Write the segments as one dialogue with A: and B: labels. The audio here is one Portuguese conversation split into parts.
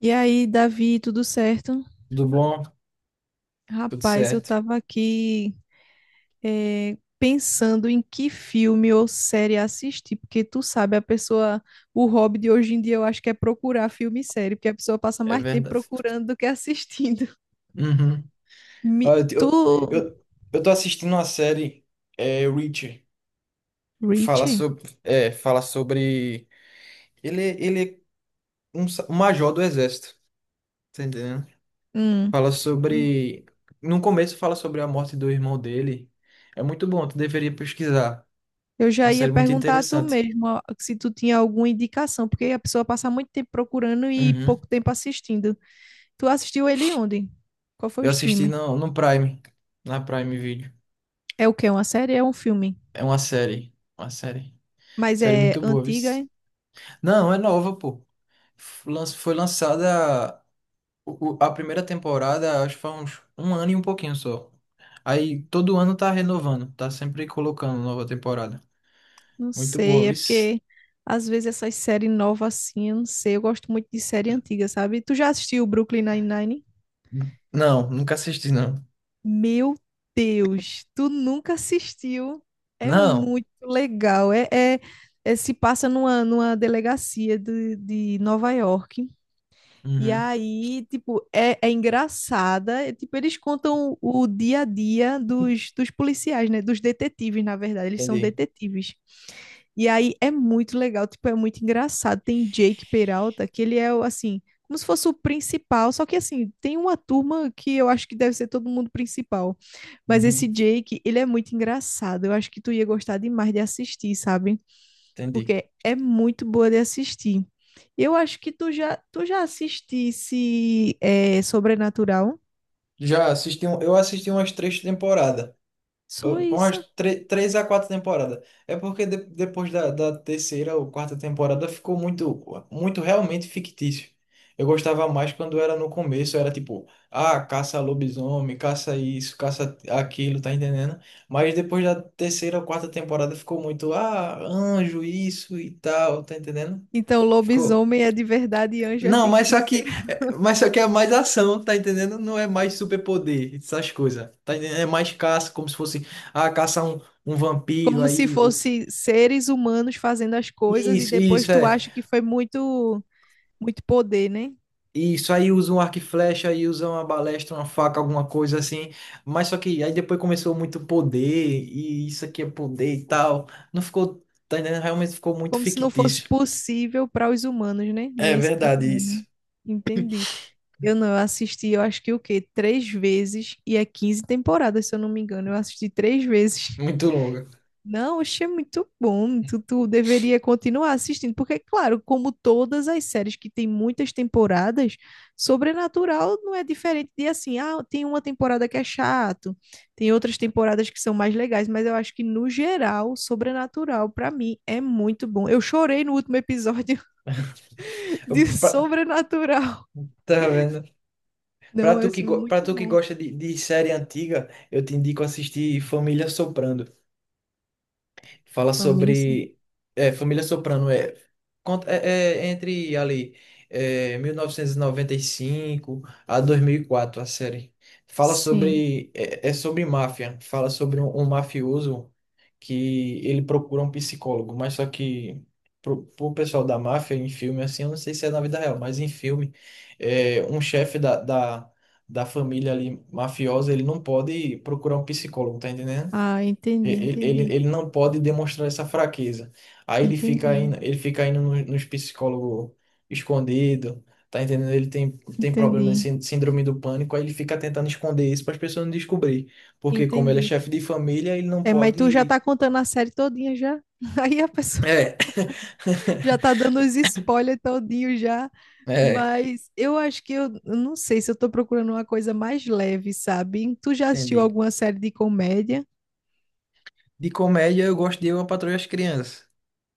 A: E aí, Davi, tudo certo?
B: Tudo bom? Tudo
A: Rapaz, eu
B: certo.
A: tava aqui pensando em que filme ou série assistir, porque tu sabe, a pessoa, o hobby de hoje em dia eu acho que é procurar filme e série, porque a pessoa passa
B: É
A: mais tempo
B: verdade.
A: procurando do que assistindo.
B: Uhum. Olha,
A: Tu,
B: Eu, eu eu tô assistindo uma série, Reacher, que fala
A: Richie?
B: sobre, Ele é um, um major do exército, tá entendendo?
A: Hum,
B: Fala sobre... No começo fala sobre a morte do irmão dele. É muito bom, tu deveria pesquisar.
A: eu
B: É uma
A: já ia
B: série muito
A: perguntar a tu
B: interessante.
A: mesmo ó, se tu tinha alguma indicação, porque a pessoa passa muito tempo procurando e
B: Uhum.
A: pouco tempo assistindo. Tu assistiu ele onde? Qual foi o
B: Eu assisti
A: streaming?
B: no Prime, na Prime Video.
A: É o quê? Uma série? É um filme?
B: É uma série, uma série.
A: Mas
B: Série
A: é
B: muito boa, viu?
A: antiga? Hein?
B: Não, é nova, pô. Foi lançada a primeira temporada, acho que foi uns um ano e um pouquinho só. Aí todo ano tá renovando, tá sempre colocando nova temporada.
A: Não
B: Muito boa,
A: sei, é
B: viu?
A: porque às vezes essas séries novas assim, eu não sei, eu gosto muito de série antiga, sabe? Tu já assistiu Brooklyn Nine-Nine?
B: Não, nunca assisti, não.
A: Meu Deus, tu nunca assistiu? É
B: Não.
A: muito legal, é, se passa numa delegacia de Nova York, e
B: Uhum,
A: aí, tipo, é, é engraçada, é, tipo, eles contam o dia a dia dos policiais, né? Dos detetives, na verdade, eles são
B: entendi.
A: detetives. E aí é muito legal, tipo, é muito engraçado. Tem Jake Peralta, que ele é, o, assim, como se fosse o principal, só que, assim, tem uma turma que eu acho que deve ser todo mundo principal. Mas esse
B: Uhum,
A: Jake, ele é muito engraçado. Eu acho que tu ia gostar demais de assistir, sabe?
B: entendi.
A: Porque é muito boa de assistir. Eu acho que tu já assistisse é, Sobrenatural?
B: Já assisti, eu assisti umas três temporadas.
A: Sou
B: Umas
A: isso.
B: três a quatro temporadas. É porque depois da terceira ou quarta temporada ficou muito, muito realmente fictício. Eu gostava mais quando era no começo, era tipo, ah, caça lobisomem, caça isso, caça aquilo, tá entendendo? Mas depois da terceira ou quarta temporada ficou muito, ah, anjo, isso e tal, tá entendendo?
A: Então,
B: Ficou.
A: lobisomem é de verdade e anjo é
B: Não, mas só
A: fictício.
B: que, é, mas só que é mais ação, tá entendendo? Não é mais superpoder, essas coisas. Tá entendendo? É mais caça, como se fosse, ah, caçar um, um vampiro,
A: Como se
B: aí.
A: fosse seres humanos fazendo as coisas e
B: Isso,
A: depois
B: isso,
A: tu
B: é.
A: acha que foi muito, muito poder, né?
B: Isso, aí usa um arco e flecha, aí usa uma balestra, uma faca, alguma coisa assim. Mas só que aí depois começou muito poder, e isso aqui é poder e tal. Não ficou, tá entendendo? Realmente ficou muito
A: Como se não fosse
B: fictício.
A: possível para os humanos, né? Não
B: É
A: é isso que tá
B: verdade
A: dizendo, né?
B: isso.
A: Entendi. Eu não, eu assisti, eu acho que o quê? Três vezes e é 15 temporadas, se eu não me engano. Eu assisti três vezes.
B: Muito longa.
A: Não, achei muito bom. Tu deveria continuar assistindo, porque, claro, como todas as séries que tem muitas temporadas, Sobrenatural não é diferente de assim, ah, tem uma temporada que é chato, tem outras temporadas que são mais legais, mas eu acho que, no geral, Sobrenatural, pra mim, é muito bom. Eu chorei no último episódio
B: Eu-
A: de
B: pa-
A: Sobrenatural.
B: Tá vendo?
A: Não, é assim,
B: Para
A: muito
B: tu que
A: bom.
B: gosta de série antiga, eu te indico assistir Família Soprano. Fala
A: Família, sim.
B: sobre é, Família Soprano é, é, é entre ali é, 1995 a 2004 a série. Fala
A: Sim.
B: sobre é, é sobre máfia. Fala sobre um, um mafioso que ele procura um psicólogo, mas só que pro pessoal da máfia em filme assim, eu não sei se é na vida real, mas em filme é, um chefe da da família ali mafiosa, ele não pode procurar um psicólogo, tá entendendo?
A: Ah, entendi,
B: Ele, ele,
A: entendi.
B: ele não pode demonstrar essa fraqueza. Aí
A: Entendi,
B: ele fica indo nos psicólogos escondido, tá entendendo? Ele tem, tem problema de
A: entendi.
B: síndrome do pânico, aí ele fica tentando esconder isso para as pessoas não descobrir. Porque como ele é
A: Entendi.
B: chefe de família, ele não
A: É, mas tu já
B: pode.
A: tá contando a série todinha já. Aí a pessoa
B: É,
A: já tá dando os spoilers todinho já.
B: é,
A: Mas eu acho que eu não sei se eu tô procurando uma coisa mais leve, sabe? Tu já assistiu
B: entendi.
A: alguma série de comédia?
B: De comédia, eu gosto de Eu, a Patroa e as Crianças.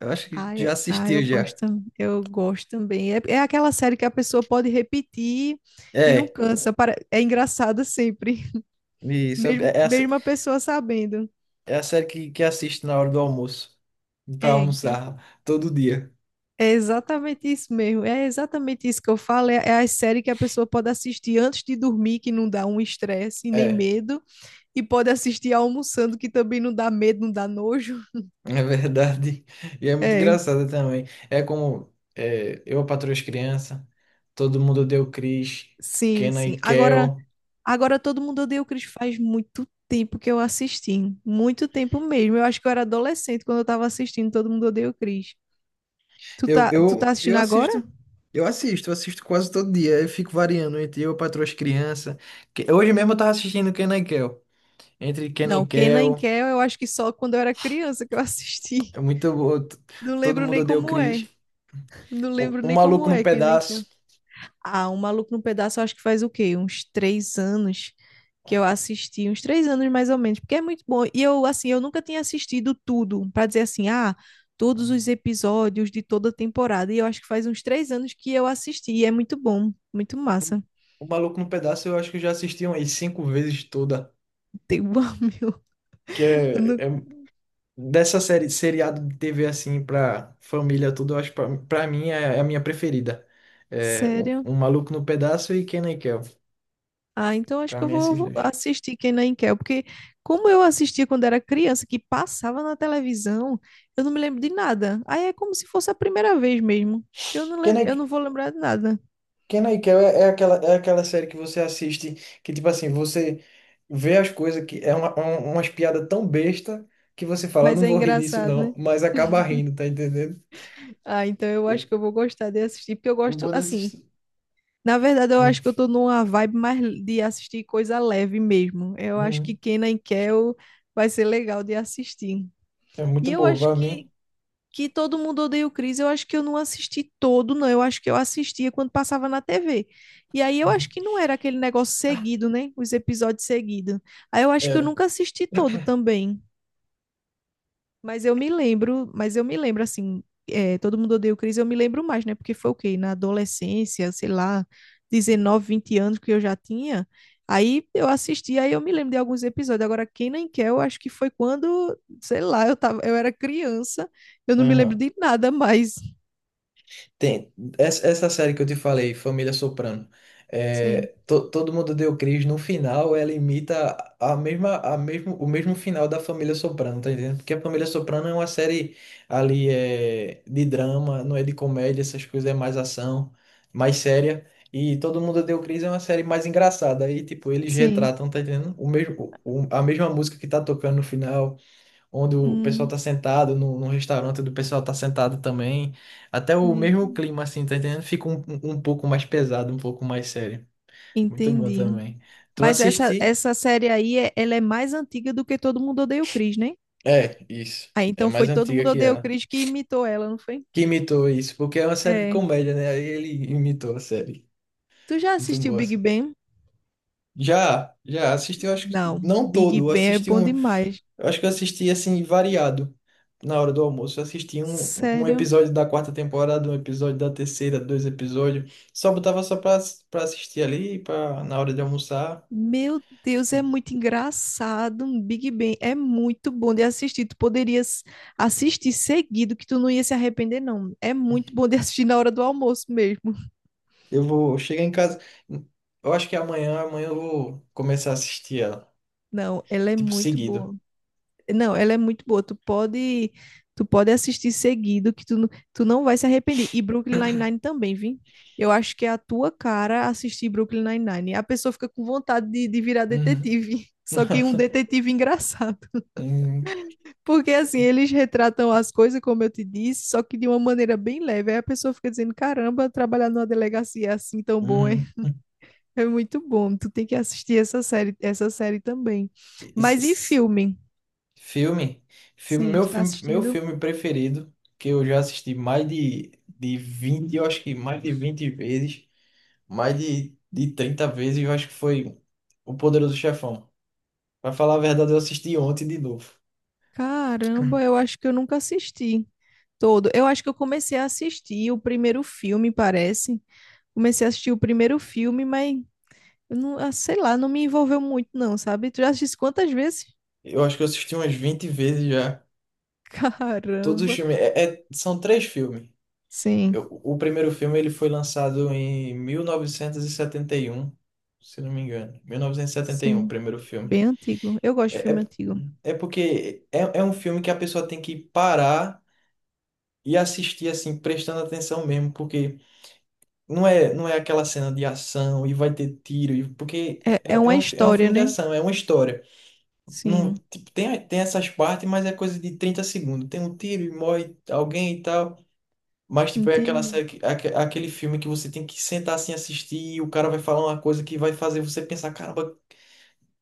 B: Eu acho que
A: Ah,
B: já
A: é- ah, eu
B: assistiu já.
A: gosto, eu gosto também. É, é aquela série que a pessoa pode repetir e não
B: É,
A: cansa. É engraçada sempre,
B: isso.
A: mesmo,
B: É, é a
A: mesmo a pessoa sabendo.
B: é a série que assisto na hora do almoço, para
A: É,
B: almoçar todo dia.
A: é exatamente isso mesmo. É exatamente isso que eu falo. É, é a série que a pessoa pode assistir antes de dormir, que não dá um estresse nem
B: É.
A: medo, e pode assistir almoçando, que também não dá medo, não dá nojo.
B: É verdade. E é muito
A: É,
B: engraçado também. É como é, eu patroa as crianças, todo mundo deu Cris,
A: sim,
B: Kenan
A: sim.
B: e
A: Agora,
B: Kel.
A: agora todo mundo odeia o Chris faz muito tempo que eu assisti, muito tempo mesmo. Eu acho que eu era adolescente quando eu tava assistindo Todo Mundo Odeia o Chris.
B: Eu,
A: Tu
B: eu,
A: tá assistindo
B: eu
A: agora?
B: assisto. Eu assisto, eu assisto quase todo dia. Eu fico variando entre eu patroa as crianças. Hoje mesmo eu tava assistindo Kenan e Kel. Entre Kenan e
A: Não, Kenan e
B: Kel,
A: Kel, eu acho que só quando eu era criança que eu assisti.
B: é muito bom.
A: Não
B: Todo
A: lembro nem
B: mundo deu
A: como é.
B: Cris.
A: Não
B: O,
A: lembro
B: o
A: nem
B: Maluco
A: como
B: no
A: é, quem nem quer.
B: Pedaço.
A: Ah, o Maluco no Pedaço, eu acho que faz o quê? Uns 3 anos que eu assisti, uns 3 anos mais ou menos, porque é muito bom. E eu, assim, eu nunca tinha assistido tudo, para dizer assim, ah, todos os episódios de toda a temporada. E eu acho que faz uns 3 anos que eu assisti, e é muito bom, muito massa.
B: O Maluco no Pedaço eu acho que eu já assisti umas cinco vezes toda.
A: Tem um meu
B: Que
A: Eu
B: é,
A: não-
B: é Dessa série, seriado de TV assim pra família tudo, eu acho pra, pra mim é, é a minha preferida. É, um,
A: Sério?
B: Um Maluco no Pedaço e Kenan e Kel.
A: Ah, então acho
B: Pra
A: que eu
B: mim, é esses
A: vou
B: dois.
A: assistir Kenan e Kel, porque como eu assistia quando era criança, que passava na televisão, eu não me lembro de nada. Aí é como se fosse a primeira vez mesmo, porque eu não
B: Kenan
A: lembro, eu
B: e
A: não vou lembrar de nada.
B: Kenan e Kel é, é aquela série que você assiste que, tipo assim, você vê as coisas que é uma, umas piadas tão besta que você fala,
A: Mas
B: não
A: é
B: vou rir disso
A: engraçado,
B: não,
A: né?
B: mas acaba rindo, tá entendendo?
A: Ah, então eu acho
B: O,
A: que eu vou gostar de assistir, porque eu
B: o
A: gosto
B: bom dessa...
A: assim. Na verdade, eu
B: Hum,
A: acho que eu tô numa vibe mais de assistir coisa leve mesmo. Eu acho que
B: hum.
A: Kenan e Kel vai ser legal de assistir.
B: É
A: E
B: muito
A: eu
B: boa,
A: acho
B: pra
A: que
B: mim.
A: Todo Mundo Odeia o Chris, eu acho que eu não assisti todo, não. Eu acho que eu assistia quando passava na TV. E aí eu acho
B: Uhum.
A: que não era aquele negócio seguido, né? Os episódios seguidos. Aí eu acho que eu
B: Era.
A: nunca assisti todo também. Mas eu me lembro, mas eu me lembro assim, é, Todo Mundo Odeia o Chris, eu me lembro mais, né? Porque foi o quê? Na adolescência, sei lá, 19, 20 anos que eu já tinha. Aí eu assisti, aí eu me lembro de alguns episódios. Agora, quem nem quer, eu acho que foi quando, sei lá, eu tava, eu era criança, eu não me lembro
B: Aham.
A: de nada mais.
B: Tem. Essa série que eu te falei, Família Soprano,
A: Sim,
B: é, todo mundo deu Cris, no final ela imita a mesma, a mesmo, o mesmo final da Família Soprano, tá entendendo? Porque a Família Soprano é uma série ali é, de drama, não é de comédia, essas coisas, é mais ação, mais séria. E Todo Mundo Deu Cris é uma série mais engraçada. Aí, tipo, eles
A: sim.
B: retratam, tá entendendo? O mesmo, a mesma música que tá tocando no final onde o pessoal
A: Hum,
B: tá sentado, no, num restaurante onde o pessoal tá sentado também. Até o mesmo
A: entendi.
B: clima, assim, tá entendendo? Fica um, um pouco mais pesado, um pouco mais sério. Muito bom
A: Entendi.
B: também. Tu
A: Mas
B: assisti?
A: essa série aí, ela é mais antiga do que Todo Mundo Odeia o Chris, né?
B: É, isso.
A: Aí
B: É
A: então
B: mais
A: foi Todo
B: antiga
A: Mundo
B: que
A: Odeia o
B: ela.
A: Chris que imitou ela, não foi?
B: Que imitou isso, porque é uma série de
A: É.
B: comédia, né? Aí ele imitou a série.
A: Tu já
B: Muito
A: assistiu
B: boa.
A: Big
B: Assim.
A: Bang?
B: Já assisti, eu acho que
A: Não,
B: não
A: Big
B: todo, eu
A: Bang é
B: assisti.
A: bom
B: Eu
A: demais.
B: acho que eu assisti assim variado na hora do almoço. Eu assisti um, um
A: Sério?
B: episódio da quarta temporada, um episódio da terceira, dois episódios. Só botava só pra, pra assistir ali, pra, na hora de almoçar.
A: Meu Deus, é muito engraçado. Big Bang é muito bom de assistir. Tu poderias assistir seguido, que tu não ia se arrepender, não. É muito bom de assistir na hora do almoço mesmo.
B: Eu vou chegar em casa. Eu acho que amanhã eu vou começar a assistir ela.
A: Não, ela é
B: Tipo,
A: muito
B: seguido.
A: boa. Não, ela é muito boa. Tu pode assistir seguido, que tu não vai se arrepender. E Brooklyn Nine-Nine também, vi. Eu acho que é a tua cara assistir Brooklyn Nine-Nine. A pessoa fica com vontade de virar
B: Uhum.
A: detetive. Só que um detetive engraçado.
B: Uhum.
A: Porque assim, eles retratam as coisas, como eu te disse, só que de uma maneira bem leve. Aí a pessoa fica dizendo: caramba, trabalhar numa delegacia é assim tão bom, hein?
B: Uhum.
A: É muito bom. Tu tem que assistir essa série também.
B: Esse-
A: Mas e
B: esse
A: filme?
B: Filme,
A: Sim,
B: meu
A: tu tá
B: filme, meu
A: assistindo.
B: filme preferido, que eu já assisti mais de 20 eu acho que mais de 20 vezes, mais de 30 vezes, eu acho que foi O Poderoso Chefão. Pra falar a verdade, eu assisti ontem de novo.
A: Caramba, eu acho que eu nunca assisti todo. Eu acho que eu comecei a assistir o primeiro filme, parece. Comecei a assistir o primeiro filme, mas eu não, ah, sei lá, não me envolveu muito, não, sabe? Tu já assistiu quantas vezes?
B: Eu acho que eu assisti umas 20 vezes já. Todos os
A: Caramba.
B: filmes. É, são três filmes.
A: Sim,
B: O primeiro filme ele foi lançado em mil novecentos e setenta e um se não me engano. 1971, o
A: sim.
B: primeiro filme.
A: Bem antigo. Eu gosto de
B: É, é,
A: filme antigo.
B: é porque é um filme que a pessoa tem que parar e assistir, assim, prestando atenção mesmo, porque. Não é aquela cena de ação e vai ter tiro, porque
A: É,
B: é,
A: é
B: é
A: uma
B: um, é um
A: história,
B: filme de
A: né?
B: ação, é uma história. Não,
A: Sim,
B: tipo, tem essas partes, mas é coisa de 30 segundos. Tem um tiro e morre alguém e tal. Mas, tipo, é aquela
A: entendi.
B: série, aquele filme que você tem que sentar assim assistir e o cara vai falar uma coisa que vai fazer você pensar,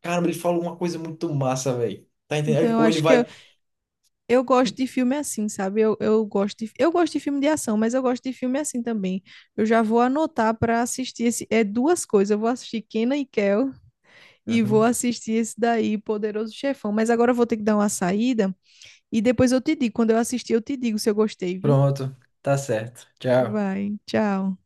B: caramba, ele falou uma coisa muito massa, velho. Tá
A: Então
B: entendendo?
A: eu
B: Ou ele
A: acho que
B: vai.
A: Eu gosto de filme assim, sabe? Eu gosto de filme de ação, mas eu gosto de filme assim também. Eu já vou anotar para assistir esse. É duas coisas. Eu vou assistir Kenan e Kel e vou
B: Uhum.
A: assistir esse daí, Poderoso Chefão. Mas agora eu vou ter que dar uma saída e depois eu te digo. Quando eu assistir, eu te digo se eu gostei, viu?
B: Pronto, tá certo. Tchau.
A: Vai, tchau.